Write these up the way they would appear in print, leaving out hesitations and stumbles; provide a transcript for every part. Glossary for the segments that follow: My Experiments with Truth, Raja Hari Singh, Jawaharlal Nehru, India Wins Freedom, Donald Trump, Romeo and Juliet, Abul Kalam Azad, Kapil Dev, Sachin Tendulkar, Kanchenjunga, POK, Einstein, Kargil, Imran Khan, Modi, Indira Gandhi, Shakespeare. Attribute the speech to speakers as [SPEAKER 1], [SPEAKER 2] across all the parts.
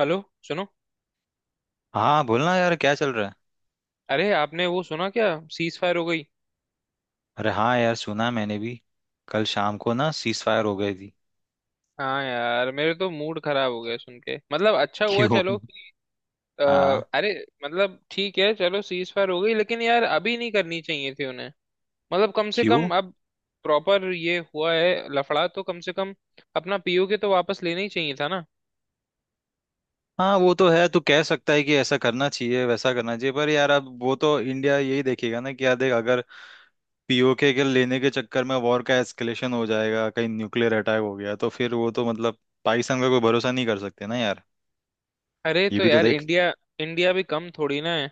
[SPEAKER 1] Hello. सुनो।
[SPEAKER 2] हाँ बोलना यार, क्या चल रहा है?
[SPEAKER 1] अरे आपने वो सुना क्या? सीज फायर हो गई।
[SPEAKER 2] अरे हाँ यार, सुना मैंने भी। कल शाम को ना सीज फायर हो गई थी।
[SPEAKER 1] हाँ यार, मेरे तो मूड खराब हो गया सुन के। मतलब अच्छा हुआ,
[SPEAKER 2] क्यों?
[SPEAKER 1] चलो अ,
[SPEAKER 2] हाँ।
[SPEAKER 1] अरे, मतलब ठीक है। चलो सीज फायर हो गई, लेकिन यार अभी नहीं करनी चाहिए थी उन्हें। मतलब कम से कम
[SPEAKER 2] क्यों?
[SPEAKER 1] अब प्रॉपर ये हुआ है लफड़ा, तो कम से कम अपना पीओके तो वापस लेना ही चाहिए था ना।
[SPEAKER 2] हाँ वो तो है, तू कह सकता है कि ऐसा करना चाहिए वैसा करना चाहिए, पर यार अब वो तो इंडिया यही देखेगा ना कि यार देख, अगर पीओके के लेने के चक्कर में वॉर का एस्केलेशन हो जाएगा, कहीं न्यूक्लियर अटैक हो गया तो फिर वो तो मतलब पाकिस्तान का कोई भरोसा नहीं कर सकते ना यार।
[SPEAKER 1] अरे
[SPEAKER 2] ये
[SPEAKER 1] तो
[SPEAKER 2] भी तो
[SPEAKER 1] यार,
[SPEAKER 2] देख।
[SPEAKER 1] इंडिया इंडिया भी कम थोड़ी ना है।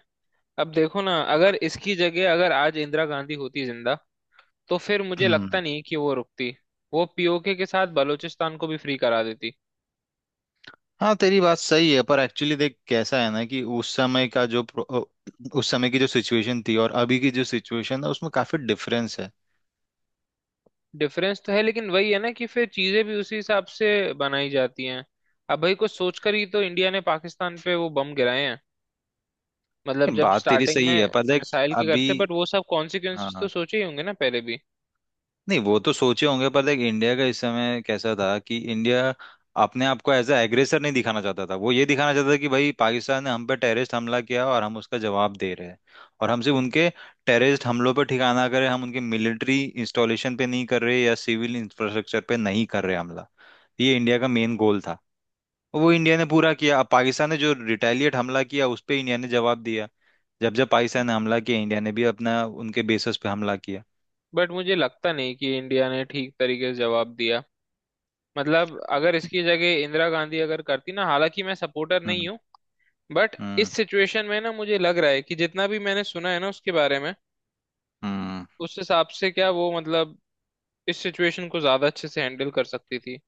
[SPEAKER 1] अब देखो ना, अगर इसकी जगह अगर आज इंदिरा गांधी होती जिंदा, तो फिर मुझे लगता नहीं कि वो रुकती। वो पीओके के साथ बलूचिस्तान को भी फ्री करा देती।
[SPEAKER 2] हाँ तेरी बात सही है, पर एक्चुअली देख कैसा है ना कि उस समय की जो सिचुएशन थी और अभी की जो सिचुएशन है, उसमें काफी डिफरेंस है।
[SPEAKER 1] डिफरेंस तो है, लेकिन वही है ना कि फिर चीजें भी उसी हिसाब से बनाई जाती हैं। अब भाई कुछ सोचकर ही तो इंडिया ने पाकिस्तान पे वो बम गिराए हैं। मतलब
[SPEAKER 2] ये
[SPEAKER 1] जब
[SPEAKER 2] बात तेरी
[SPEAKER 1] स्टार्टिंग
[SPEAKER 2] सही है
[SPEAKER 1] में
[SPEAKER 2] पर देख
[SPEAKER 1] मिसाइल के
[SPEAKER 2] अभी।
[SPEAKER 1] करते, बट वो सब
[SPEAKER 2] हाँ
[SPEAKER 1] कॉन्सिक्वेंसेस तो
[SPEAKER 2] हाँ।
[SPEAKER 1] सोचे ही होंगे ना पहले भी।
[SPEAKER 2] नहीं वो तो सोचे होंगे, पर देख इंडिया का इस समय कैसा था कि इंडिया अपने आप को एज अ एग्रेसर नहीं दिखाना चाहता था। वो ये दिखाना चाहता था कि भाई पाकिस्तान ने हम पे टेररिस्ट हमला किया और हम उसका जवाब दे रहे हैं, और हम सिर्फ उनके टेररिस्ट हमलों पर ठिकाना करें, हम उनके मिलिट्री इंस्टॉलेशन पे नहीं कर रहे या सिविल इंफ्रास्ट्रक्चर पे नहीं कर रहे हमला। ये इंडिया का मेन गोल था और वो इंडिया ने पूरा किया। अब पाकिस्तान ने जो रिटेलिएट हमला किया उस पर इंडिया ने जवाब दिया। जब जब पाकिस्तान ने हमला किया, इंडिया ने भी अपना उनके बेसिस पे हमला किया।
[SPEAKER 1] बट मुझे लगता नहीं कि इंडिया ने ठीक तरीके से जवाब दिया। मतलब अगर इसकी जगह इंदिरा गांधी अगर करती ना, हालांकि मैं सपोर्टर नहीं
[SPEAKER 2] हम्म।
[SPEAKER 1] हूँ, बट इस
[SPEAKER 2] हम्म।
[SPEAKER 1] सिचुएशन में ना, मुझे लग रहा है कि जितना भी मैंने सुना है ना उसके बारे में,
[SPEAKER 2] हम्म।
[SPEAKER 1] उस हिसाब से क्या वो मतलब इस सिचुएशन को ज्यादा अच्छे से हैंडल कर सकती थी।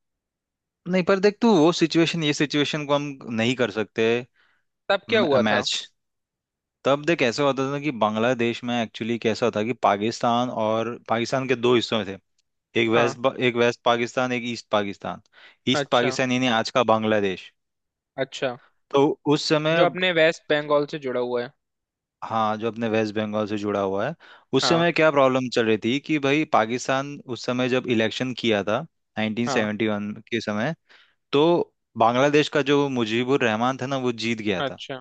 [SPEAKER 2] नहीं पर देख, तू वो सिचुएशन ये सिचुएशन को हम नहीं कर सकते।
[SPEAKER 1] तब क्या हुआ था?
[SPEAKER 2] मैच। तब देख ऐसा होता था कि बांग्लादेश में एक्चुअली कैसा था कि पाकिस्तान, और पाकिस्तान के दो हिस्सों में थे।
[SPEAKER 1] हाँ।
[SPEAKER 2] एक वेस्ट पाकिस्तान एक ईस्ट पाकिस्तान। ईस्ट
[SPEAKER 1] अच्छा
[SPEAKER 2] पाकिस्तान यानी आज का बांग्लादेश।
[SPEAKER 1] अच्छा।
[SPEAKER 2] तो उस
[SPEAKER 1] जो
[SPEAKER 2] समय,
[SPEAKER 1] अपने वेस्ट बंगाल से जुड़ा हुआ है।
[SPEAKER 2] हाँ जो अपने वेस्ट बंगाल से जुड़ा हुआ है। उस
[SPEAKER 1] हाँ
[SPEAKER 2] समय क्या प्रॉब्लम चल रही थी कि भाई पाकिस्तान उस समय जब इलेक्शन किया था,
[SPEAKER 1] हाँ।
[SPEAKER 2] 1971 के समय, तो बांग्लादेश का जो मुजीबुर रहमान था ना, वो जीत गया था।
[SPEAKER 1] अच्छा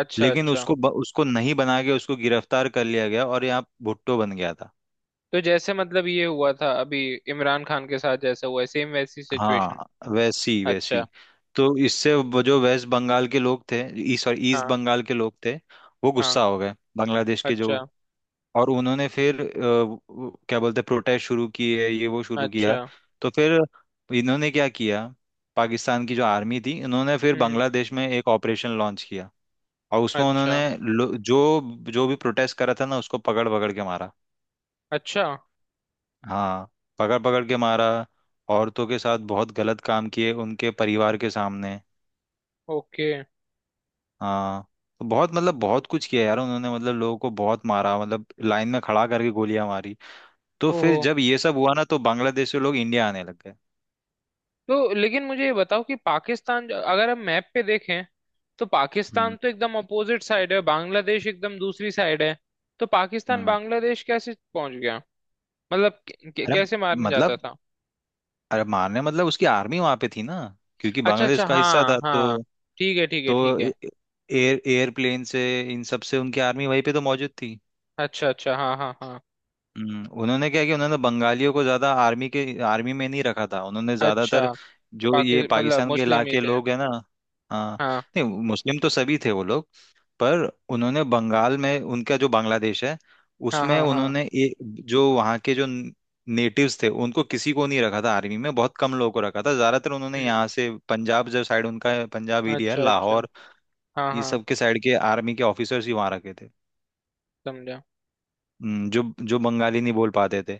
[SPEAKER 1] अच्छा
[SPEAKER 2] लेकिन
[SPEAKER 1] अच्छा।
[SPEAKER 2] उसको नहीं बना के उसको गिरफ्तार कर लिया गया और यहाँ भुट्टो बन गया था।
[SPEAKER 1] तो जैसे मतलब ये हुआ था अभी इमरान खान के साथ जैसा हुआ है, सेम वैसी सिचुएशन।
[SPEAKER 2] हाँ वैसी
[SPEAKER 1] अच्छा।
[SPEAKER 2] वैसी। तो इससे वो जो वेस्ट बंगाल के लोग थे, ई सॉरी ईस्ट
[SPEAKER 1] हाँ
[SPEAKER 2] बंगाल के लोग थे, वो
[SPEAKER 1] हाँ।
[SPEAKER 2] गुस्सा हो गए, बांग्लादेश के जो।
[SPEAKER 1] अच्छा
[SPEAKER 2] और उन्होंने फिर क्या बोलते, प्रोटेस्ट शुरू किए, ये वो शुरू किया।
[SPEAKER 1] अच्छा।
[SPEAKER 2] तो फिर इन्होंने क्या किया, पाकिस्तान की जो आर्मी थी, इन्होंने फिर
[SPEAKER 1] हम्म।
[SPEAKER 2] बांग्लादेश में एक ऑपरेशन लॉन्च किया। और उसमें
[SPEAKER 1] अच्छा
[SPEAKER 2] उन्होंने जो जो भी प्रोटेस्ट करा था ना, उसको पकड़ पकड़ के मारा।
[SPEAKER 1] अच्छा।
[SPEAKER 2] हाँ। पकड़ पकड़ के मारा। औरतों के साथ बहुत गलत काम किए, उनके परिवार के सामने।
[SPEAKER 1] ओके।
[SPEAKER 2] हाँ। तो बहुत, मतलब बहुत कुछ किया यार उन्होंने, मतलब लोगों को बहुत मारा, मतलब लाइन में खड़ा करके गोलियां मारी। तो फिर
[SPEAKER 1] ओहो।
[SPEAKER 2] जब ये सब हुआ ना, तो बांग्लादेश से लोग इंडिया आने लग गए।
[SPEAKER 1] तो लेकिन मुझे ये बताओ कि पाकिस्तान, अगर हम मैप पे देखें, तो पाकिस्तान
[SPEAKER 2] हम्म।
[SPEAKER 1] तो एकदम अपोजिट साइड है, बांग्लादेश एकदम दूसरी साइड है। तो पाकिस्तान
[SPEAKER 2] हम्म।
[SPEAKER 1] बांग्लादेश कैसे पहुंच गया? मतलब
[SPEAKER 2] अरे
[SPEAKER 1] कैसे मारने जाता
[SPEAKER 2] मतलब,
[SPEAKER 1] था?
[SPEAKER 2] अरे मारने मतलब उसकी आर्मी वहां पे थी ना, क्योंकि
[SPEAKER 1] अच्छा
[SPEAKER 2] बांग्लादेश
[SPEAKER 1] अच्छा
[SPEAKER 2] का हिस्सा
[SPEAKER 1] हाँ
[SPEAKER 2] था
[SPEAKER 1] हाँ।
[SPEAKER 2] तो।
[SPEAKER 1] ठीक है ठीक है ठीक
[SPEAKER 2] तो
[SPEAKER 1] है।
[SPEAKER 2] एयर एयरप्लेन से, इन सब से उनकी आर्मी वहीं पे तो मौजूद थी।
[SPEAKER 1] अच्छा अच्छा हाँ हाँ हाँ।
[SPEAKER 2] उन्होंने क्या किया, उन्होंने बंगालियों को ज्यादा आर्मी के आर्मी में नहीं रखा था, उन्होंने
[SPEAKER 1] अच्छा।
[SPEAKER 2] ज्यादातर जो ये
[SPEAKER 1] पाकि मतलब
[SPEAKER 2] पाकिस्तान के
[SPEAKER 1] मुस्लिम ही
[SPEAKER 2] इलाके
[SPEAKER 1] थे?
[SPEAKER 2] लोग है ना। हाँ।
[SPEAKER 1] हाँ।
[SPEAKER 2] नहीं, मुस्लिम तो सभी थे वो लोग, पर उन्होंने बंगाल में, उनका जो बांग्लादेश है,
[SPEAKER 1] हाँ
[SPEAKER 2] उसमें
[SPEAKER 1] हाँ हाँ।
[SPEAKER 2] उन्होंने जो वहाँ के जो नेटिव्स थे उनको किसी को नहीं रखा था आर्मी में, बहुत कम लोगों को रखा था। ज्यादातर उन्होंने
[SPEAKER 1] हम्म।
[SPEAKER 2] यहाँ से पंजाब जो साइड उनका है, पंजाब एरिया है,
[SPEAKER 1] अच्छा अच्छा।
[SPEAKER 2] लाहौर,
[SPEAKER 1] हाँ
[SPEAKER 2] ये
[SPEAKER 1] हाँ।
[SPEAKER 2] सब के साइड के आर्मी के ऑफिसर्स ही वहाँ रखे थे।
[SPEAKER 1] समझा।
[SPEAKER 2] जो जो बंगाली नहीं बोल पाते थे।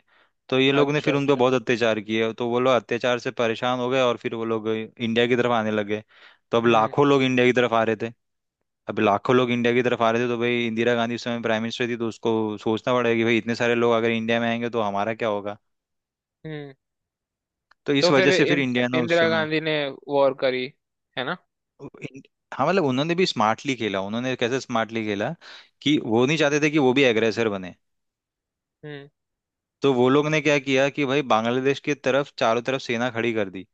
[SPEAKER 2] तो ये लोग ने
[SPEAKER 1] अच्छा
[SPEAKER 2] फिर उन पे
[SPEAKER 1] अच्छा।
[SPEAKER 2] बहुत अत्याचार किए, तो वो लोग अत्याचार से परेशान हो गए और फिर वो लोग इंडिया की तरफ आने लगे। तो अब
[SPEAKER 1] हम्म
[SPEAKER 2] लाखों लोग इंडिया की तरफ आ रहे थे। अब लाखों लोग इंडिया की तरफ आ रहे थे, तो भाई इंदिरा गांधी उस समय प्राइम मिनिस्टर थी, तो उसको सोचना पड़ेगा कि भाई इतने सारे लोग अगर इंडिया में आएंगे तो हमारा क्या होगा।
[SPEAKER 1] हम्म।
[SPEAKER 2] तो
[SPEAKER 1] तो
[SPEAKER 2] इस
[SPEAKER 1] फिर
[SPEAKER 2] वजह से फिर इंडिया ने उस
[SPEAKER 1] इंदिरा
[SPEAKER 2] समय,
[SPEAKER 1] गांधी ने वॉर करी, है ना?
[SPEAKER 2] इन- हाँ मतलब उन्होंने भी स्मार्टली खेला। उन्होंने कैसे स्मार्टली खेला कि वो नहीं चाहते थे कि वो भी एग्रेसर बने।
[SPEAKER 1] हम्म।
[SPEAKER 2] तो वो लोग ने क्या किया कि भाई बांग्लादेश की तरफ चारों तरफ सेना खड़ी कर दी,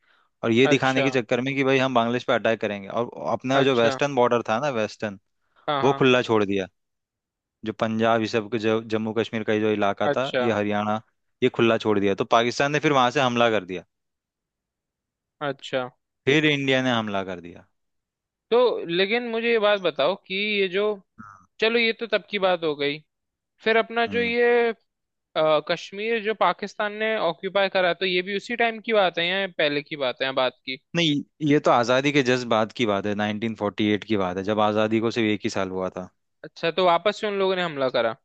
[SPEAKER 2] और ये दिखाने
[SPEAKER 1] अच्छा
[SPEAKER 2] के चक्कर में कि भाई हम बांग्लादेश पे अटैक करेंगे, और अपना जो
[SPEAKER 1] अच्छा।
[SPEAKER 2] वेस्टर्न बॉर्डर था ना, वेस्टर्न,
[SPEAKER 1] हाँ
[SPEAKER 2] वो
[SPEAKER 1] हाँ।
[SPEAKER 2] खुला छोड़ दिया। जो पंजाब ये सब के, जो जम्मू कश्मीर का ये जो इलाका था,
[SPEAKER 1] अच्छा
[SPEAKER 2] ये हरियाणा, ये खुला छोड़ दिया। तो पाकिस्तान ने फिर वहां से हमला कर दिया।
[SPEAKER 1] अच्छा।
[SPEAKER 2] फिर इंडिया ने हमला कर दिया।
[SPEAKER 1] तो लेकिन मुझे ये बात बताओ कि ये जो, चलो ये तो तब की बात हो गई। फिर अपना जो
[SPEAKER 2] हम्म।
[SPEAKER 1] ये कश्मीर जो पाकिस्तान ने ऑक्यूपाई करा, तो ये भी उसी टाइम की बात है या पहले की बात है बात की?
[SPEAKER 2] नहीं, ये तो आजादी के जस्ट बाद की बात है, 1948 की बात है, जब आजादी को सिर्फ एक ही साल हुआ था।
[SPEAKER 1] अच्छा, तो वापस से उन लोगों ने हमला करा?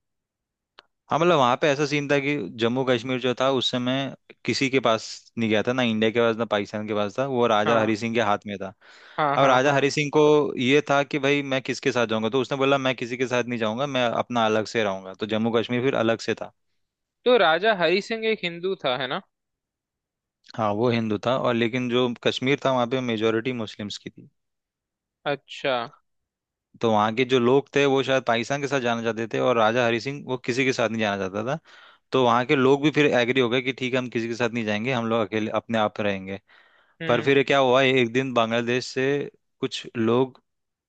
[SPEAKER 2] हाँ मतलब वहां पे ऐसा सीन था कि जम्मू कश्मीर जो था उस समय किसी के पास नहीं गया था ना, इंडिया के पास ना पाकिस्तान के पास, था वो राजा
[SPEAKER 1] हाँ
[SPEAKER 2] हरी सिंह के हाथ में। था
[SPEAKER 1] हाँ
[SPEAKER 2] अब
[SPEAKER 1] हाँ
[SPEAKER 2] राजा
[SPEAKER 1] हाँ।
[SPEAKER 2] हरी सिंह को ये था कि भाई मैं किसके साथ जाऊंगा, तो उसने बोला मैं किसी के साथ नहीं जाऊंगा, मैं अपना अलग से रहूंगा, तो जम्मू कश्मीर फिर अलग से था।
[SPEAKER 1] तो राजा हरी सिंह एक हिंदू था, है ना?
[SPEAKER 2] हाँ वो हिंदू था, और लेकिन जो कश्मीर था वहाँ पे मेजोरिटी मुस्लिम्स की थी।
[SPEAKER 1] अच्छा।
[SPEAKER 2] तो वहाँ के जो लोग थे वो शायद पाकिस्तान के साथ जाना चाहते थे, और राजा हरी सिंह वो किसी के साथ नहीं जाना चाहता था। तो वहाँ के लोग भी फिर एग्री हो गए कि ठीक है, हम किसी के साथ नहीं जाएंगे, हम लोग अकेले अपने आप रहेंगे। पर
[SPEAKER 1] हम्म।
[SPEAKER 2] फिर क्या हुआ, एक दिन बांग्लादेश से कुछ लोग,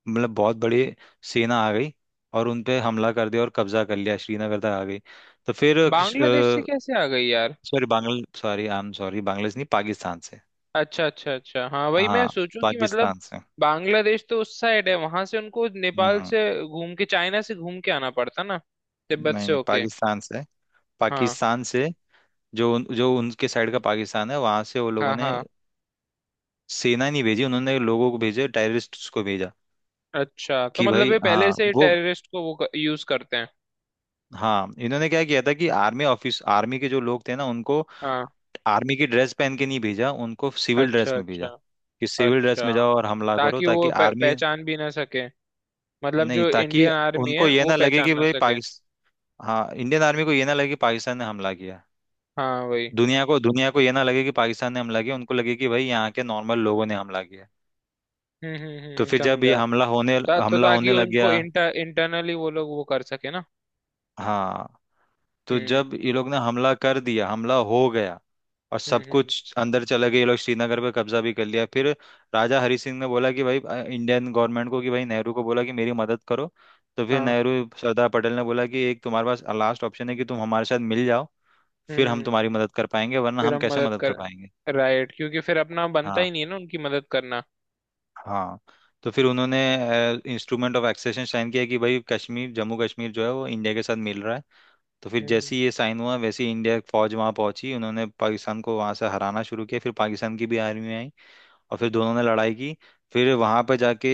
[SPEAKER 2] मतलब बहुत बड़ी सेना आ गई, और उन पे हमला कर दिया और कब्जा कर लिया, श्रीनगर तक आ गई। तो फिर,
[SPEAKER 1] बांग्लादेश से कैसे आ गई यार?
[SPEAKER 2] Sorry Bangla sorry I am sorry Bangladesh नहीं, पाकिस्तान से।
[SPEAKER 1] अच्छा अच्छा अच्छा, हाँ वही मैं
[SPEAKER 2] हाँ
[SPEAKER 1] सोचूं कि मतलब
[SPEAKER 2] पाकिस्तान से।
[SPEAKER 1] बांग्लादेश तो उस साइड है, वहां से उनको
[SPEAKER 2] हम्म
[SPEAKER 1] नेपाल
[SPEAKER 2] हम्म,
[SPEAKER 1] से घूम के चाइना से घूम के आना पड़ता ना, तिब्बत
[SPEAKER 2] नहीं
[SPEAKER 1] से
[SPEAKER 2] नहीं,
[SPEAKER 1] होके।
[SPEAKER 2] पाकिस्तान से।
[SPEAKER 1] हाँ
[SPEAKER 2] पाकिस्तान से। जो उनके साइड का पाकिस्तान है, वहां से वो लोगों
[SPEAKER 1] हाँ
[SPEAKER 2] ने
[SPEAKER 1] हाँ।
[SPEAKER 2] सेना नहीं भेजी, उन्होंने लोगों को भेजे, टेररिस्ट को भेजा
[SPEAKER 1] अच्छा, तो
[SPEAKER 2] कि
[SPEAKER 1] मतलब
[SPEAKER 2] भाई,
[SPEAKER 1] ये पहले
[SPEAKER 2] हाँ
[SPEAKER 1] से ही
[SPEAKER 2] वो,
[SPEAKER 1] टेररिस्ट को वो यूज करते हैं?
[SPEAKER 2] हाँ इन्होंने क्या किया था कि आर्मी ऑफिस, आर्मी के जो लोग थे ना उनको
[SPEAKER 1] हाँ।
[SPEAKER 2] आर्मी की ड्रेस पहन के नहीं भेजा, उनको सिविल ड्रेस
[SPEAKER 1] अच्छा
[SPEAKER 2] में
[SPEAKER 1] अच्छा
[SPEAKER 2] भेजा कि सिविल ड्रेस
[SPEAKER 1] अच्छा।
[SPEAKER 2] में जाओ और हमला करो,
[SPEAKER 1] ताकि
[SPEAKER 2] ताकि
[SPEAKER 1] वो
[SPEAKER 2] आर्मी,
[SPEAKER 1] पहचान भी ना सके, मतलब
[SPEAKER 2] नहीं
[SPEAKER 1] जो
[SPEAKER 2] ताकि
[SPEAKER 1] इंडियन आर्मी
[SPEAKER 2] उनको
[SPEAKER 1] है
[SPEAKER 2] ये
[SPEAKER 1] वो
[SPEAKER 2] ना लगे
[SPEAKER 1] पहचान
[SPEAKER 2] कि
[SPEAKER 1] ना
[SPEAKER 2] भाई
[SPEAKER 1] सके।
[SPEAKER 2] पाकिस्तान, हाँ इंडियन आर्मी को ये ना लगे कि पाकिस्तान ने हमला किया,
[SPEAKER 1] हाँ वही।
[SPEAKER 2] दुनिया को, दुनिया को ये ना लगे कि पाकिस्तान ने हमला किया, उनको लगे कि भाई यहाँ के नॉर्मल लोगों ने हमला किया। तो फिर जब ये
[SPEAKER 1] समझा। तो
[SPEAKER 2] हमला
[SPEAKER 1] ताकि
[SPEAKER 2] होने लग
[SPEAKER 1] उनको
[SPEAKER 2] गया।
[SPEAKER 1] इंटरनली वो लोग वो कर सके ना?
[SPEAKER 2] हाँ। तो
[SPEAKER 1] हम्म
[SPEAKER 2] जब ये लोग ने हमला कर दिया, हमला हो गया और सब
[SPEAKER 1] हम्म।
[SPEAKER 2] कुछ अंदर चले गए ये लोग, श्रीनगर पे कब्जा भी कर लिया। फिर राजा हरि सिंह ने बोला कि भाई इंडियन गवर्नमेंट को, कि भाई नेहरू को बोला कि मेरी मदद करो। तो फिर
[SPEAKER 1] हाँ।
[SPEAKER 2] नेहरू, सरदार पटेल ने बोला कि एक तुम्हारे पास लास्ट ऑप्शन है कि तुम हमारे साथ मिल जाओ, फिर हम
[SPEAKER 1] हम्म।
[SPEAKER 2] तुम्हारी मदद कर पाएंगे, वरना
[SPEAKER 1] फिर
[SPEAKER 2] हम
[SPEAKER 1] हम
[SPEAKER 2] कैसे
[SPEAKER 1] मदद
[SPEAKER 2] मदद
[SPEAKER 1] कर।
[SPEAKER 2] कर पाएंगे।
[SPEAKER 1] राइट, क्योंकि फिर अपना बनता
[SPEAKER 2] हाँ।
[SPEAKER 1] ही नहीं है ना उनकी मदद करना।
[SPEAKER 2] हाँ। तो फिर उन्होंने इंस्ट्रूमेंट ऑफ एक्सेशन साइन किया कि भाई कश्मीर, जम्मू कश्मीर जो है वो इंडिया के साथ मिल रहा है। तो फिर
[SPEAKER 1] हम्म।
[SPEAKER 2] जैसे ही ये साइन हुआ, वैसे ही इंडिया की फौज वहां पहुंची, उन्होंने पाकिस्तान को वहां से हराना शुरू किया, फिर पाकिस्तान की भी आर्मी आई और फिर दोनों ने लड़ाई की। फिर वहां पे जाके,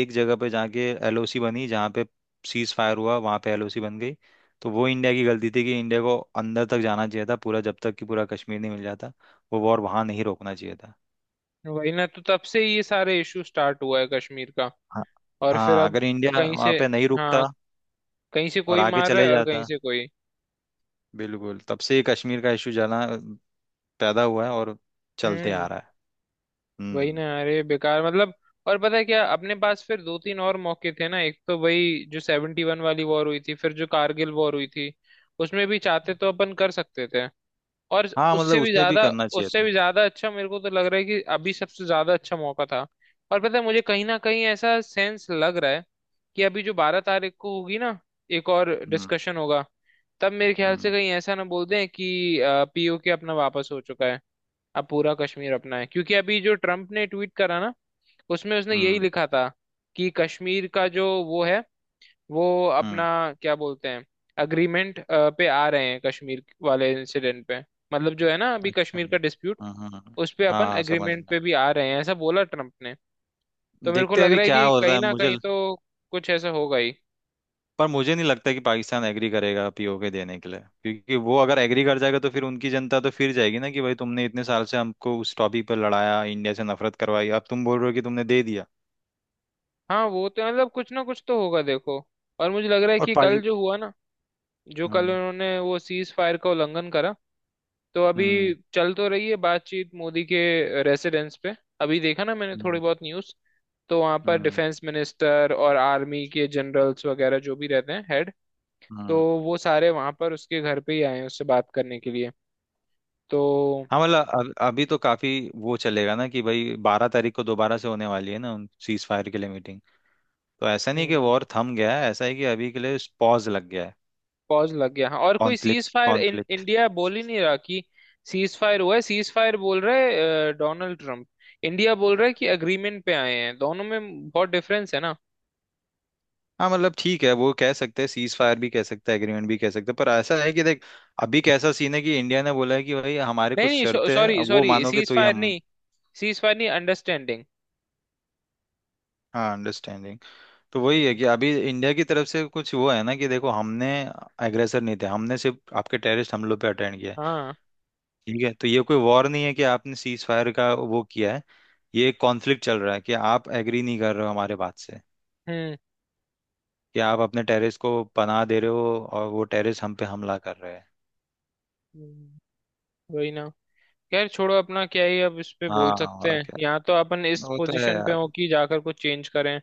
[SPEAKER 2] एक जगह पे जाके एलओसी बनी, जहाँ पे सीज फायर हुआ वहां पे एलओसी बन गई। तो वो इंडिया की गलती थी कि इंडिया को अंदर तक जाना चाहिए था पूरा, जब तक कि पूरा कश्मीर नहीं मिल जाता, वो वॉर वहां नहीं रोकना चाहिए था।
[SPEAKER 1] वही ना, तो तब से ये सारे इशू स्टार्ट हुआ है कश्मीर का।
[SPEAKER 2] हाँ।
[SPEAKER 1] और फिर
[SPEAKER 2] हाँ,
[SPEAKER 1] अब
[SPEAKER 2] अगर इंडिया
[SPEAKER 1] कहीं
[SPEAKER 2] वहां
[SPEAKER 1] से।
[SPEAKER 2] पे नहीं रुकता
[SPEAKER 1] हाँ, कहीं से
[SPEAKER 2] और
[SPEAKER 1] कोई
[SPEAKER 2] आगे
[SPEAKER 1] मार रहा
[SPEAKER 2] चले
[SPEAKER 1] है और कहीं
[SPEAKER 2] जाता,
[SPEAKER 1] से कोई।
[SPEAKER 2] बिल्कुल तब से ये कश्मीर का इशू जाना पैदा हुआ है और चलते आ
[SPEAKER 1] हम्म।
[SPEAKER 2] रहा है।
[SPEAKER 1] वही ना।
[SPEAKER 2] हम्म।
[SPEAKER 1] अरे बेकार मतलब। और पता है क्या, अपने पास फिर दो तीन और मौके थे ना, एक तो वही जो 71 वाली वॉर हुई थी, फिर जो कारगिल वॉर हुई थी। उसमें भी चाहते तो अपन कर सकते थे। और
[SPEAKER 2] हाँ मतलब
[SPEAKER 1] उससे भी
[SPEAKER 2] उसमें भी
[SPEAKER 1] ज्यादा,
[SPEAKER 2] करना चाहिए
[SPEAKER 1] उससे
[SPEAKER 2] था।
[SPEAKER 1] भी ज्यादा अच्छा मेरे को तो लग रहा है कि अभी सबसे ज्यादा अच्छा मौका था। और पता है, मुझे कहीं ना कहीं ऐसा सेंस लग रहा है कि अभी जो 12 तारीख को होगी ना, एक और
[SPEAKER 2] हम्म।
[SPEAKER 1] डिस्कशन होगा, तब मेरे ख्याल से
[SPEAKER 2] हम्म।
[SPEAKER 1] कहीं ऐसा ना बोल दें कि पीओके अपना वापस हो चुका है, अब पूरा कश्मीर अपना है। क्योंकि अभी जो ट्रम्प ने ट्वीट करा ना, उसमें उसने यही
[SPEAKER 2] हम्म।
[SPEAKER 1] लिखा था कि कश्मीर का जो वो है, वो
[SPEAKER 2] हम्म।
[SPEAKER 1] अपना क्या बोलते हैं, अग्रीमेंट पे आ रहे हैं कश्मीर वाले इंसिडेंट पे। मतलब जो है ना अभी
[SPEAKER 2] अच्छा।
[SPEAKER 1] कश्मीर का डिस्प्यूट,
[SPEAKER 2] हाँ हाँ हाँ।
[SPEAKER 1] उस पे अपन
[SPEAKER 2] हाँ, समझ में।
[SPEAKER 1] एग्रीमेंट पे भी आ रहे हैं, ऐसा बोला ट्रम्प ने। तो मेरे को
[SPEAKER 2] देखते हैं
[SPEAKER 1] लग
[SPEAKER 2] अभी
[SPEAKER 1] रहा है
[SPEAKER 2] क्या
[SPEAKER 1] कि
[SPEAKER 2] होता
[SPEAKER 1] कहीं
[SPEAKER 2] है,
[SPEAKER 1] ना
[SPEAKER 2] मुझे
[SPEAKER 1] कहीं तो कुछ ऐसा होगा ही।
[SPEAKER 2] पर मुझे नहीं लगता कि पाकिस्तान एग्री करेगा पीओके देने के लिए, क्योंकि वो अगर एग्री कर जाएगा तो फिर उनकी जनता तो फिर जाएगी ना कि भाई तुमने इतने साल से हमको उस टॉपिक पर लड़ाया, इंडिया से नफरत करवाई, अब तुम बोल रहे हो कि तुमने दे दिया।
[SPEAKER 1] हाँ, वो तो मतलब कुछ ना कुछ तो होगा देखो। और मुझे लग रहा है
[SPEAKER 2] और
[SPEAKER 1] कि कल
[SPEAKER 2] पाकि
[SPEAKER 1] जो हुआ ना, जो कल
[SPEAKER 2] हम्म।
[SPEAKER 1] उन्होंने वो सीज फायर का उल्लंघन करा, तो अभी
[SPEAKER 2] हम्म।
[SPEAKER 1] चल तो रही है बातचीत मोदी के रेसिडेंस पे। अभी देखा ना मैंने थोड़ी
[SPEAKER 2] हम्म।
[SPEAKER 1] बहुत न्यूज। तो वहाँ पर
[SPEAKER 2] हम्म।
[SPEAKER 1] डिफेंस मिनिस्टर और आर्मी के जनरल्स वगैरह जो भी रहते हैं हेड, तो
[SPEAKER 2] हम्म।
[SPEAKER 1] वो सारे वहाँ पर उसके घर पे ही आए हैं उससे बात करने के लिए। तो
[SPEAKER 2] हाँ मतलब अभी तो काफी वो चलेगा ना कि भाई बारह तारीख को दोबारा से होने वाली है ना उन सीज फायर के लिए मीटिंग। तो ऐसा नहीं कि
[SPEAKER 1] हम्म।
[SPEAKER 2] वॉर थम गया है, ऐसा है कि अभी के लिए पॉज लग गया है।
[SPEAKER 1] पॉज लग गया हाँ, और कोई
[SPEAKER 2] conflict
[SPEAKER 1] ceasefire, in
[SPEAKER 2] conflict.
[SPEAKER 1] India बोल ही नहीं रहा कि सीज फायर हुआ है। सीज फायर बोल रहे डोनाल्ड ट्रम्प, इंडिया बोल रहा है कि अग्रीमेंट पे आए हैं। दोनों में बहुत डिफरेंस है ना।
[SPEAKER 2] हाँ मतलब ठीक है, वो कह सकते हैं सीज फायर भी कह सकते हैं, एग्रीमेंट भी कह सकते हैं, पर ऐसा है कि देख अभी कैसा सीन है कि इंडिया ने बोला है कि भाई हमारे
[SPEAKER 1] नहीं
[SPEAKER 2] कुछ
[SPEAKER 1] नहीं,
[SPEAKER 2] शर्तें हैं,
[SPEAKER 1] सॉरी
[SPEAKER 2] अब वो
[SPEAKER 1] सॉरी,
[SPEAKER 2] मानोगे
[SPEAKER 1] सीज
[SPEAKER 2] तो ही
[SPEAKER 1] फायर
[SPEAKER 2] हम।
[SPEAKER 1] नहीं, सीज फायर नहीं, अंडरस्टैंडिंग।
[SPEAKER 2] हाँ अंडरस्टैंडिंग। तो वही है
[SPEAKER 1] हम्म।
[SPEAKER 2] कि अभी इंडिया की तरफ से कुछ वो है ना कि देखो हमने एग्रेसर नहीं थे, हमने सिर्फ आपके टेररिस्ट हमलों पे अटेंड किया है।
[SPEAKER 1] हाँ।
[SPEAKER 2] ठीक है तो ये कोई वॉर नहीं है कि आपने सीज फायर का वो किया है, ये एक कॉन्फ्लिक्ट चल रहा है कि आप एग्री नहीं कर रहे हो हमारे बात से,
[SPEAKER 1] हम्म।
[SPEAKER 2] कि आप अपने टेररिस्ट को पनाह दे रहे हो और वो टेररिस्ट हम पे हमला कर रहे हैं।
[SPEAKER 1] हम्म, वही ना, खैर छोड़ो, अपना क्या ही अब इस पे बोल
[SPEAKER 2] हाँ
[SPEAKER 1] सकते
[SPEAKER 2] और
[SPEAKER 1] हैं।
[SPEAKER 2] क्या।
[SPEAKER 1] यहाँ तो अपन इस
[SPEAKER 2] वो तो है
[SPEAKER 1] पोजीशन पे हो
[SPEAKER 2] यार।
[SPEAKER 1] कि जाकर कुछ चेंज करें?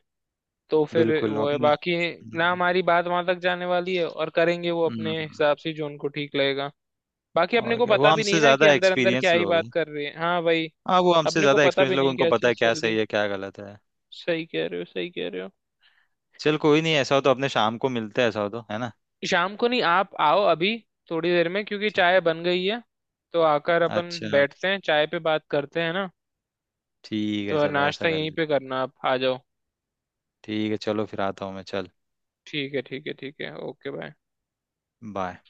[SPEAKER 1] तो फिर
[SPEAKER 2] बिल्कुल।
[SPEAKER 1] वो
[SPEAKER 2] अब
[SPEAKER 1] है बाकी। ना हमारी बात वहां तक जाने वाली है, और करेंगे वो
[SPEAKER 2] हम्म,
[SPEAKER 1] अपने हिसाब से जो उनको ठीक लगेगा। बाकी अपने
[SPEAKER 2] और
[SPEAKER 1] को
[SPEAKER 2] क्या। वो
[SPEAKER 1] पता भी
[SPEAKER 2] हमसे
[SPEAKER 1] नहीं ना कि
[SPEAKER 2] ज्यादा
[SPEAKER 1] अंदर अंदर क्या
[SPEAKER 2] एक्सपीरियंस
[SPEAKER 1] ही
[SPEAKER 2] लोग
[SPEAKER 1] बात
[SPEAKER 2] हैं।
[SPEAKER 1] कर रही है। हाँ भाई,
[SPEAKER 2] हाँ वो हमसे
[SPEAKER 1] अपने को
[SPEAKER 2] ज्यादा
[SPEAKER 1] पता
[SPEAKER 2] एक्सपीरियंस
[SPEAKER 1] भी
[SPEAKER 2] लोग हैं,
[SPEAKER 1] नहीं
[SPEAKER 2] उनको
[SPEAKER 1] क्या
[SPEAKER 2] पता है
[SPEAKER 1] चीज
[SPEAKER 2] क्या
[SPEAKER 1] चल रही।
[SPEAKER 2] सही है क्या गलत है।
[SPEAKER 1] सही कह रहे हो, सही कह रहे हो।
[SPEAKER 2] चल कोई नहीं, ऐसा हो तो अपने शाम को मिलते हैं, ऐसा हो तो, है ना।
[SPEAKER 1] शाम को नहीं, आप आओ अभी, थोड़ी देर में, क्योंकि
[SPEAKER 2] ठीक-
[SPEAKER 1] चाय बन गई है। तो आकर अपन
[SPEAKER 2] अच्छा,
[SPEAKER 1] बैठते हैं, चाय पे बात करते हैं ना।
[SPEAKER 2] ठीक है
[SPEAKER 1] तो
[SPEAKER 2] चलो, ऐसा
[SPEAKER 1] नाश्ता
[SPEAKER 2] कर
[SPEAKER 1] यहीं
[SPEAKER 2] ले।
[SPEAKER 1] पे करना, आप आ जाओ।
[SPEAKER 2] ठीक है चलो, फिर आता हूँ मैं। चल
[SPEAKER 1] ठीक है ठीक है ठीक है। Okay bye.
[SPEAKER 2] बाय।